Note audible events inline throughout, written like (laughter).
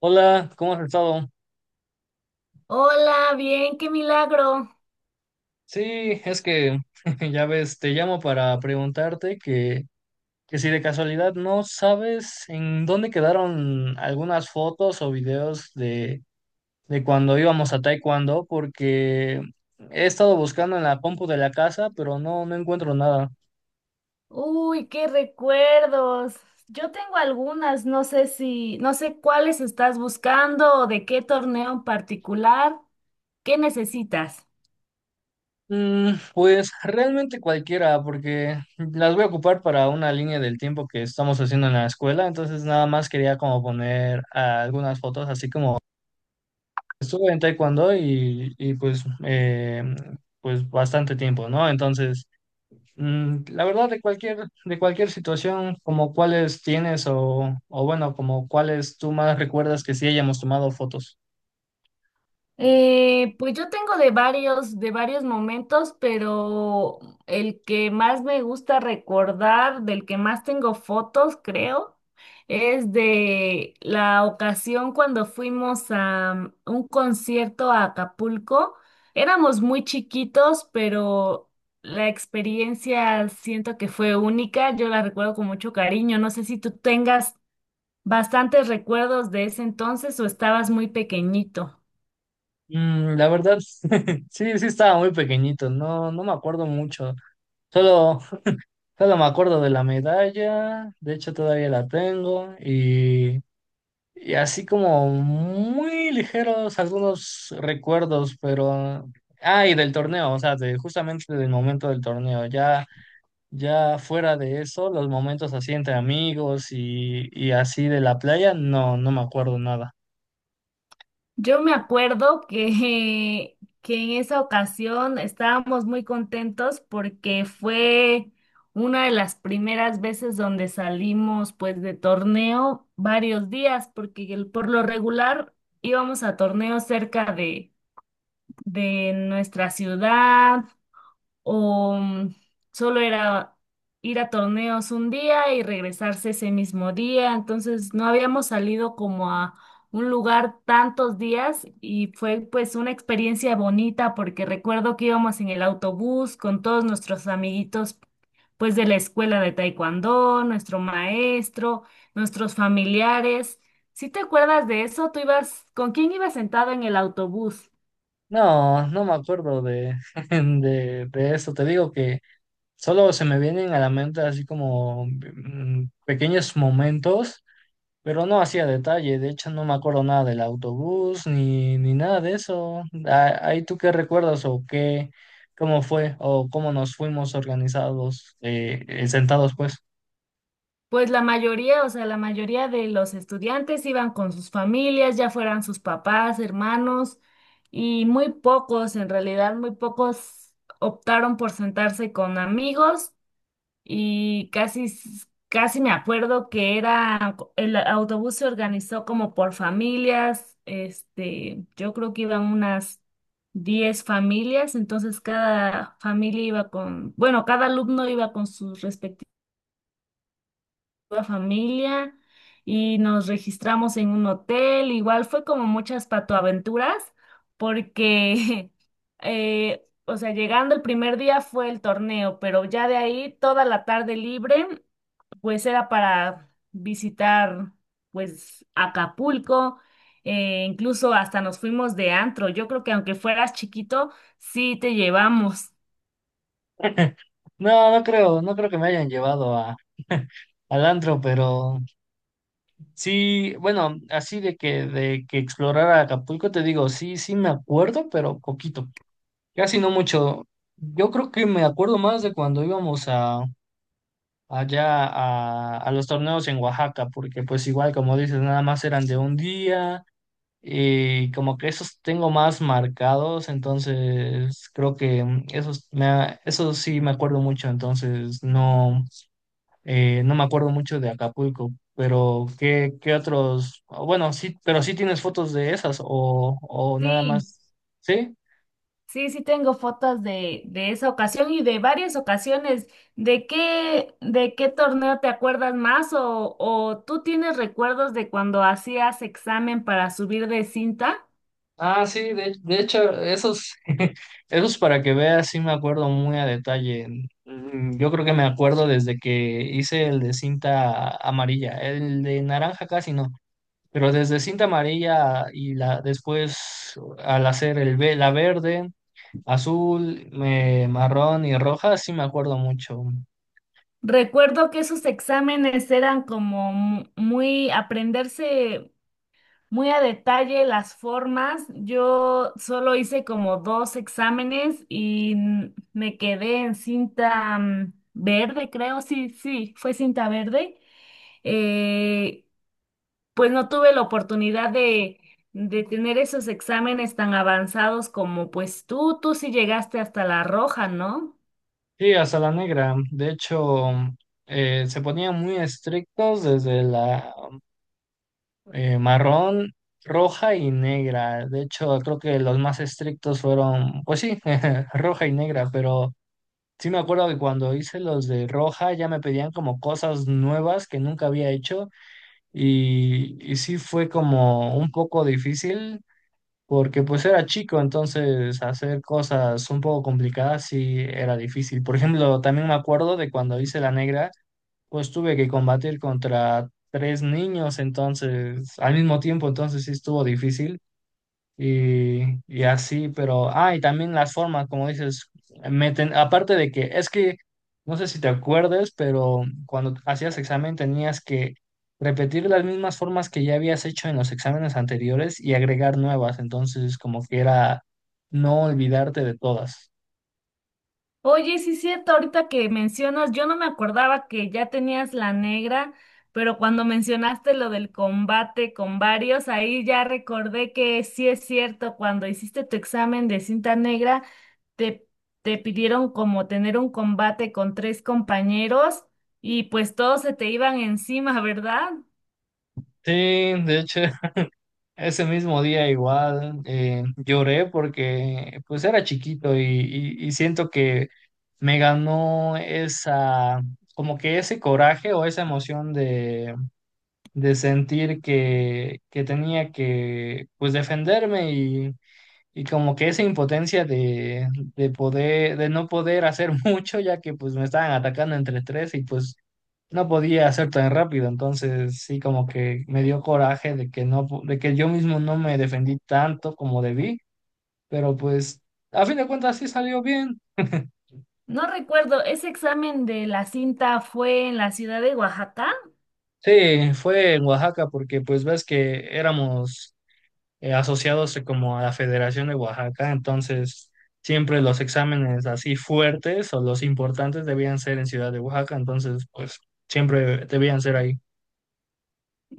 Hola, ¿cómo has estado? Hola, bien, qué milagro. Sí, es que (laughs) ya ves, te llamo para preguntarte que si de casualidad no sabes en dónde quedaron algunas fotos o videos de cuando íbamos a Taekwondo, porque he estado buscando en la compu de la casa, pero no encuentro nada. Uy, qué recuerdos. Yo tengo algunas, no sé si, no sé cuáles estás buscando o de qué torneo en particular. ¿Qué necesitas? Pues realmente cualquiera, porque las voy a ocupar para una línea del tiempo que estamos haciendo en la escuela, entonces nada más quería como poner algunas fotos así como estuve en taekwondo y, pues bastante tiempo, ¿no? Entonces, la verdad de cualquier situación, como cuáles tienes o bueno, como cuáles tú más recuerdas que sí hayamos tomado fotos. Pues yo tengo de varios momentos, pero el que más me gusta recordar, del que más tengo fotos, creo, es de la ocasión cuando fuimos a un concierto a Acapulco. Éramos muy chiquitos, pero la experiencia siento que fue única. Yo la recuerdo con mucho cariño. No sé si tú tengas bastantes recuerdos de ese entonces o estabas muy pequeñito. La verdad, (laughs) sí, sí estaba muy pequeñito, no me acuerdo mucho. Solo, solo me acuerdo de la medalla, de hecho todavía la tengo. Y así como muy ligeros algunos recuerdos, pero. Ah, y del torneo, o sea, justamente del momento del torneo. Ya, ya fuera de eso, los momentos así entre amigos y así de la playa, no me acuerdo nada. Yo me acuerdo que, (laughs) que en esa ocasión estábamos muy contentos porque fue una de las primeras veces donde salimos pues de torneo varios días, porque por lo regular íbamos a torneos cerca de nuestra ciudad o solo era ir a torneos un día y regresarse ese mismo día, entonces no habíamos salido como a un lugar tantos días y fue pues una experiencia bonita porque recuerdo que íbamos en el autobús con todos nuestros amiguitos pues de la escuela de taekwondo, nuestro maestro, nuestros familiares. ¿Sí te acuerdas de eso? ¿Tú ibas, con quién ibas sentado en el autobús? No me acuerdo de, (laughs) de eso. Te digo que solo se me vienen a la mente así como pequeños momentos. Pero no hacía detalle, de hecho no me acuerdo nada del autobús ni nada de eso. Ah, ahí tú qué recuerdas o qué, cómo fue o cómo nos fuimos organizados, sentados pues. Pues la mayoría, o sea, la mayoría de los estudiantes iban con sus familias, ya fueran sus papás, hermanos, y muy pocos, en realidad, muy pocos optaron por sentarse con amigos y casi, casi me acuerdo que era, el autobús se organizó como por familias, este, yo creo que iban unas 10 familias, entonces cada familia iba con, bueno, cada alumno iba con sus respectivos toda familia y nos registramos en un hotel. Igual fue como muchas patoaventuras porque, (laughs) o sea, llegando el primer día fue el torneo, pero ya de ahí toda la tarde libre, pues era para visitar, pues, Acapulco. Incluso hasta nos fuimos de antro. Yo creo que aunque fueras chiquito, sí te llevamos. (laughs) No, no creo, no creo que me hayan llevado a, (laughs) al antro, pero sí, bueno, así de que explorara Acapulco, te digo, sí, sí me acuerdo, pero poquito, casi no mucho. Yo creo que me acuerdo más de cuando íbamos allá a los torneos en Oaxaca, porque pues igual como dices, nada más eran de un día y como que esos tengo más marcados, entonces creo que esos sí me acuerdo mucho, entonces no me acuerdo mucho de Acapulco. Pero, ¿qué otros? Bueno, sí, pero sí tienes fotos de esas o nada Sí. más, ¿sí? Sí, sí tengo fotos de esa ocasión y de varias ocasiones. De qué torneo te acuerdas más o tú tienes recuerdos de cuando hacías examen para subir de cinta? Ah, sí, de hecho, esos, (laughs) esos para que veas, sí me acuerdo muy a detalle. Yo creo que me acuerdo desde que hice el de cinta amarilla, el de naranja casi no, pero desde cinta amarilla y después al hacer la verde, azul, marrón y roja, sí me acuerdo mucho. Recuerdo que esos exámenes eran como muy aprenderse muy a detalle las formas. Yo solo hice como dos exámenes y me quedé en cinta verde, creo, sí, sí, fue cinta verde. eh, pues no tuve la oportunidad de tener esos exámenes tan avanzados como pues tú sí llegaste hasta la roja, ¿no? Sí, hasta la negra. De hecho, se ponían muy estrictos desde la marrón, roja y negra. De hecho, creo que los más estrictos fueron, pues sí, (laughs) roja y negra, pero sí me acuerdo que cuando hice los de roja ya me pedían como cosas nuevas que nunca había hecho y sí fue como un poco difícil. Porque pues era chico, entonces hacer cosas un poco complicadas sí era difícil. Por ejemplo, también me acuerdo de cuando hice la negra, pues tuve que combatir contra tres niños, entonces, al mismo tiempo, entonces sí estuvo difícil y así, pero, y también las formas, como dices, meten, aparte de que, es que, no sé si te acuerdes, pero cuando hacías examen tenías que repetir las mismas formas que ya habías hecho en los exámenes anteriores y agregar nuevas, entonces como que era no olvidarte de todas. Oye, sí es cierto, ahorita que mencionas, yo no me acordaba que ya tenías la negra, pero cuando mencionaste lo del combate con varios, ahí ya recordé que sí es cierto, cuando hiciste tu examen de cinta negra, te, te pidieron como tener un combate con tres compañeros y pues todos se te iban encima, ¿verdad? Sí, de hecho, (laughs) ese mismo día igual lloré porque pues era chiquito y siento que me ganó esa, como que ese coraje o esa emoción de sentir que tenía que pues defenderme y como que esa impotencia de no poder hacer (laughs) mucho ya que pues me estaban atacando entre tres y pues no podía hacer tan rápido, entonces sí como que me dio coraje de que no, de que yo mismo no me defendí tanto como debí, pero pues a fin de cuentas sí salió bien. No recuerdo, ese examen de la cinta fue en la ciudad de Oaxaca. Sí, fue en Oaxaca porque pues ves que éramos asociados como a la Federación de Oaxaca, entonces siempre los exámenes así fuertes o los importantes debían ser en Ciudad de Oaxaca, entonces pues siempre debían ser ahí.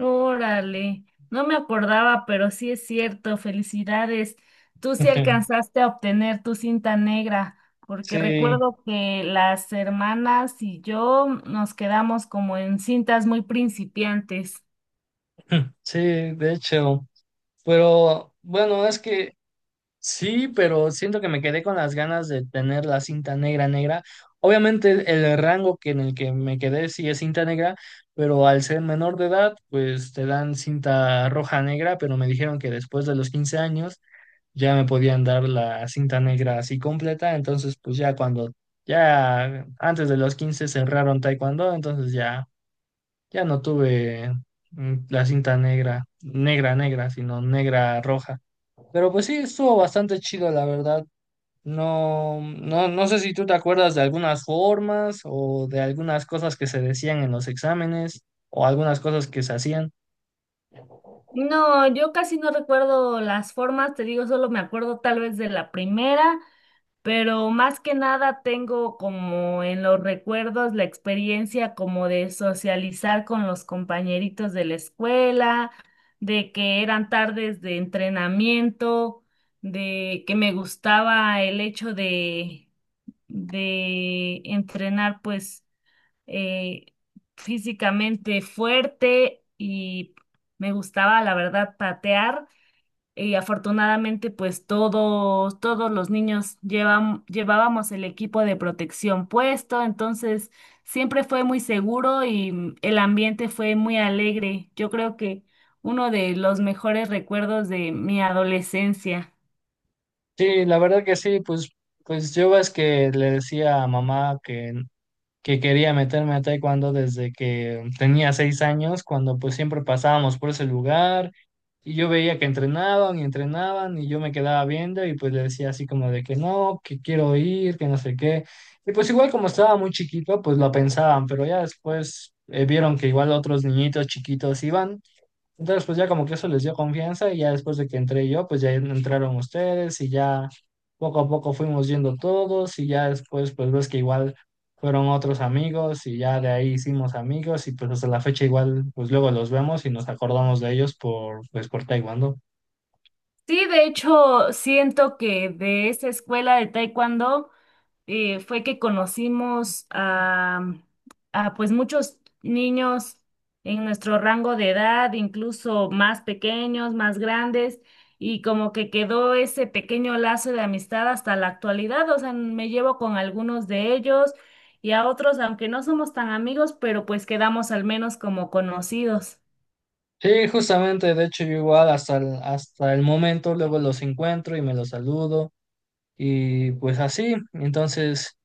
Órale, no me acordaba, pero sí es cierto, felicidades. Tú sí (laughs) alcanzaste a obtener tu cinta negra, porque Sí, recuerdo que las hermanas y yo nos quedamos como en cintas muy principiantes. (clears throat) (laughs) sí, de hecho. Pero bueno, es que sí, pero siento que me quedé con las ganas de tener la cinta negra negra. Obviamente el rango que en el que me quedé sí es cinta negra, pero al ser menor de edad, pues te dan cinta roja negra, pero me dijeron que después de los 15 años ya me podían dar la cinta negra así completa, entonces pues ya cuando ya antes de los 15 cerraron taekwondo, entonces ya ya no tuve la cinta negra, negra negra, sino negra roja. Pero pues sí, estuvo bastante chido, la verdad. No, no, no sé si tú te acuerdas de algunas formas o de algunas cosas que se decían en los exámenes o algunas cosas que se hacían. No, yo casi no recuerdo las formas, te digo, solo me acuerdo tal vez de la primera pero más que nada tengo como en los recuerdos la experiencia como de socializar con los compañeritos de la escuela, de que eran tardes de entrenamiento, de que me gustaba el hecho de entrenar pues eh, físicamente fuerte y me gustaba la verdad patear. Y afortunadamente, pues todos, todos los niños llevábamos el equipo de protección puesto, entonces siempre fue muy seguro y el ambiente fue muy alegre. Yo creo que uno de los mejores recuerdos de mi adolescencia. Sí, la verdad que sí, pues, yo ves que le decía a mamá que quería meterme a taekwondo desde que tenía 6 años, cuando pues siempre pasábamos por ese lugar y yo veía que entrenaban y entrenaban y yo me quedaba viendo y pues le decía así como de que no, que quiero ir, que no sé qué. Y pues igual como estaba muy chiquito, pues lo pensaban, pero ya después vieron que igual otros niñitos chiquitos iban entonces, pues ya como que eso les dio confianza y ya después de que entré yo, pues ya entraron ustedes y ya poco a poco fuimos yendo todos y ya después pues ves que igual fueron otros amigos y ya de ahí hicimos amigos y pues hasta la fecha igual pues luego los vemos y nos acordamos de ellos por pues por Taekwondo. Sí, de hecho, siento que de esa escuela de taekwondo fue que conocimos a, pues muchos niños en nuestro rango de edad, incluso más pequeños, más grandes, y como que quedó ese pequeño lazo de amistad hasta la actualidad. O sea, me llevo con algunos de ellos y a otros, aunque no somos tan amigos, pero pues quedamos al menos como conocidos. Sí, justamente, de hecho yo igual hasta el momento luego los encuentro y me los saludo. Y pues así, entonces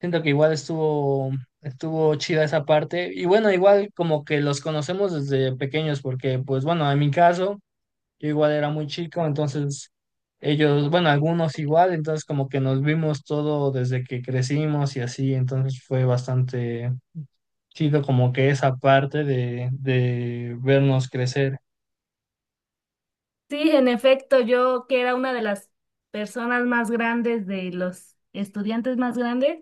siento que igual estuvo, estuvo chida esa parte. Y bueno, igual como que los conocemos desde pequeños, porque pues bueno, en mi caso, yo igual era muy chico, entonces ellos, bueno, algunos igual, entonces como que nos vimos todo desde que crecimos y así, entonces fue bastante chido como que esa parte de vernos crecer. Sí, en efecto, yo que era una de las personas más grandes, de los estudiantes más grandes,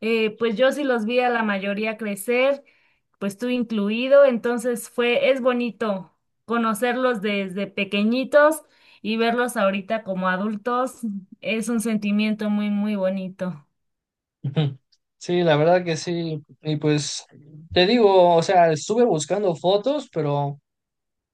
pues yo sí los vi a la mayoría crecer, pues tú incluido, entonces fue, es bonito conocerlos desde pequeñitos y verlos ahorita como adultos, es un sentimiento muy, muy bonito. (laughs) Sí, la verdad que sí. Y pues te digo, o sea, estuve buscando fotos, pero.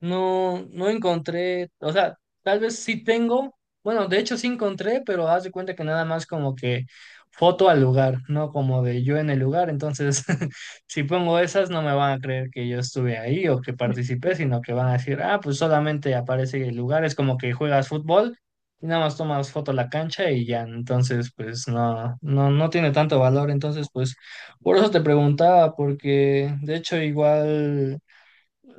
No, no encontré, o sea, tal vez sí tengo, bueno, de hecho sí encontré, pero haz de cuenta que nada más como que foto al lugar, no como de yo en el lugar, entonces (laughs) si pongo esas no me van a creer que yo estuve ahí o que participé, sino que van a decir, ah, pues solamente aparece el lugar, es como que juegas fútbol y nada más tomas foto a la cancha y ya, entonces pues no tiene tanto valor, entonces pues por eso te preguntaba, porque de hecho igual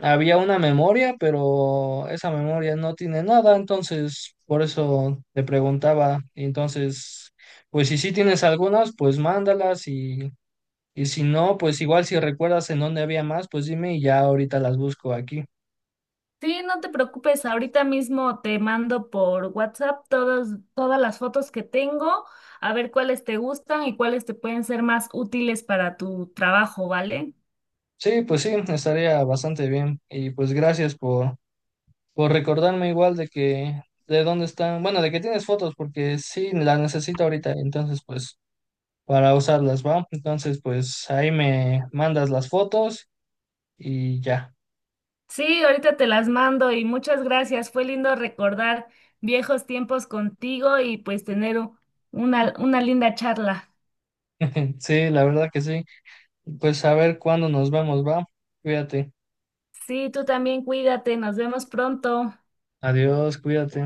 había una memoria, pero esa memoria no tiene nada, entonces por eso te preguntaba. Entonces, pues si sí tienes algunas, pues mándalas y si no, pues igual si recuerdas en dónde había más, pues dime y ya ahorita las busco aquí. Sí, no te preocupes, ahorita mismo te mando por WhatsApp todas, todas las fotos que tengo, a ver cuáles te gustan y cuáles te pueden ser más útiles para tu trabajo, ¿vale? Sí, pues sí, estaría bastante bien. Y pues gracias por recordarme igual de dónde están, bueno, de que tienes fotos, porque sí, las necesito ahorita, entonces pues para usarlas, ¿va? Entonces pues ahí me mandas las fotos. Y ya. Sí, ahorita te las mando y muchas gracias. Fue lindo recordar viejos tiempos contigo y pues tener una linda charla. (laughs) Sí, la verdad que sí. Pues a ver cuándo nos vemos, va. Cuídate. Sí, tú también cuídate, nos vemos pronto. Adiós, cuídate.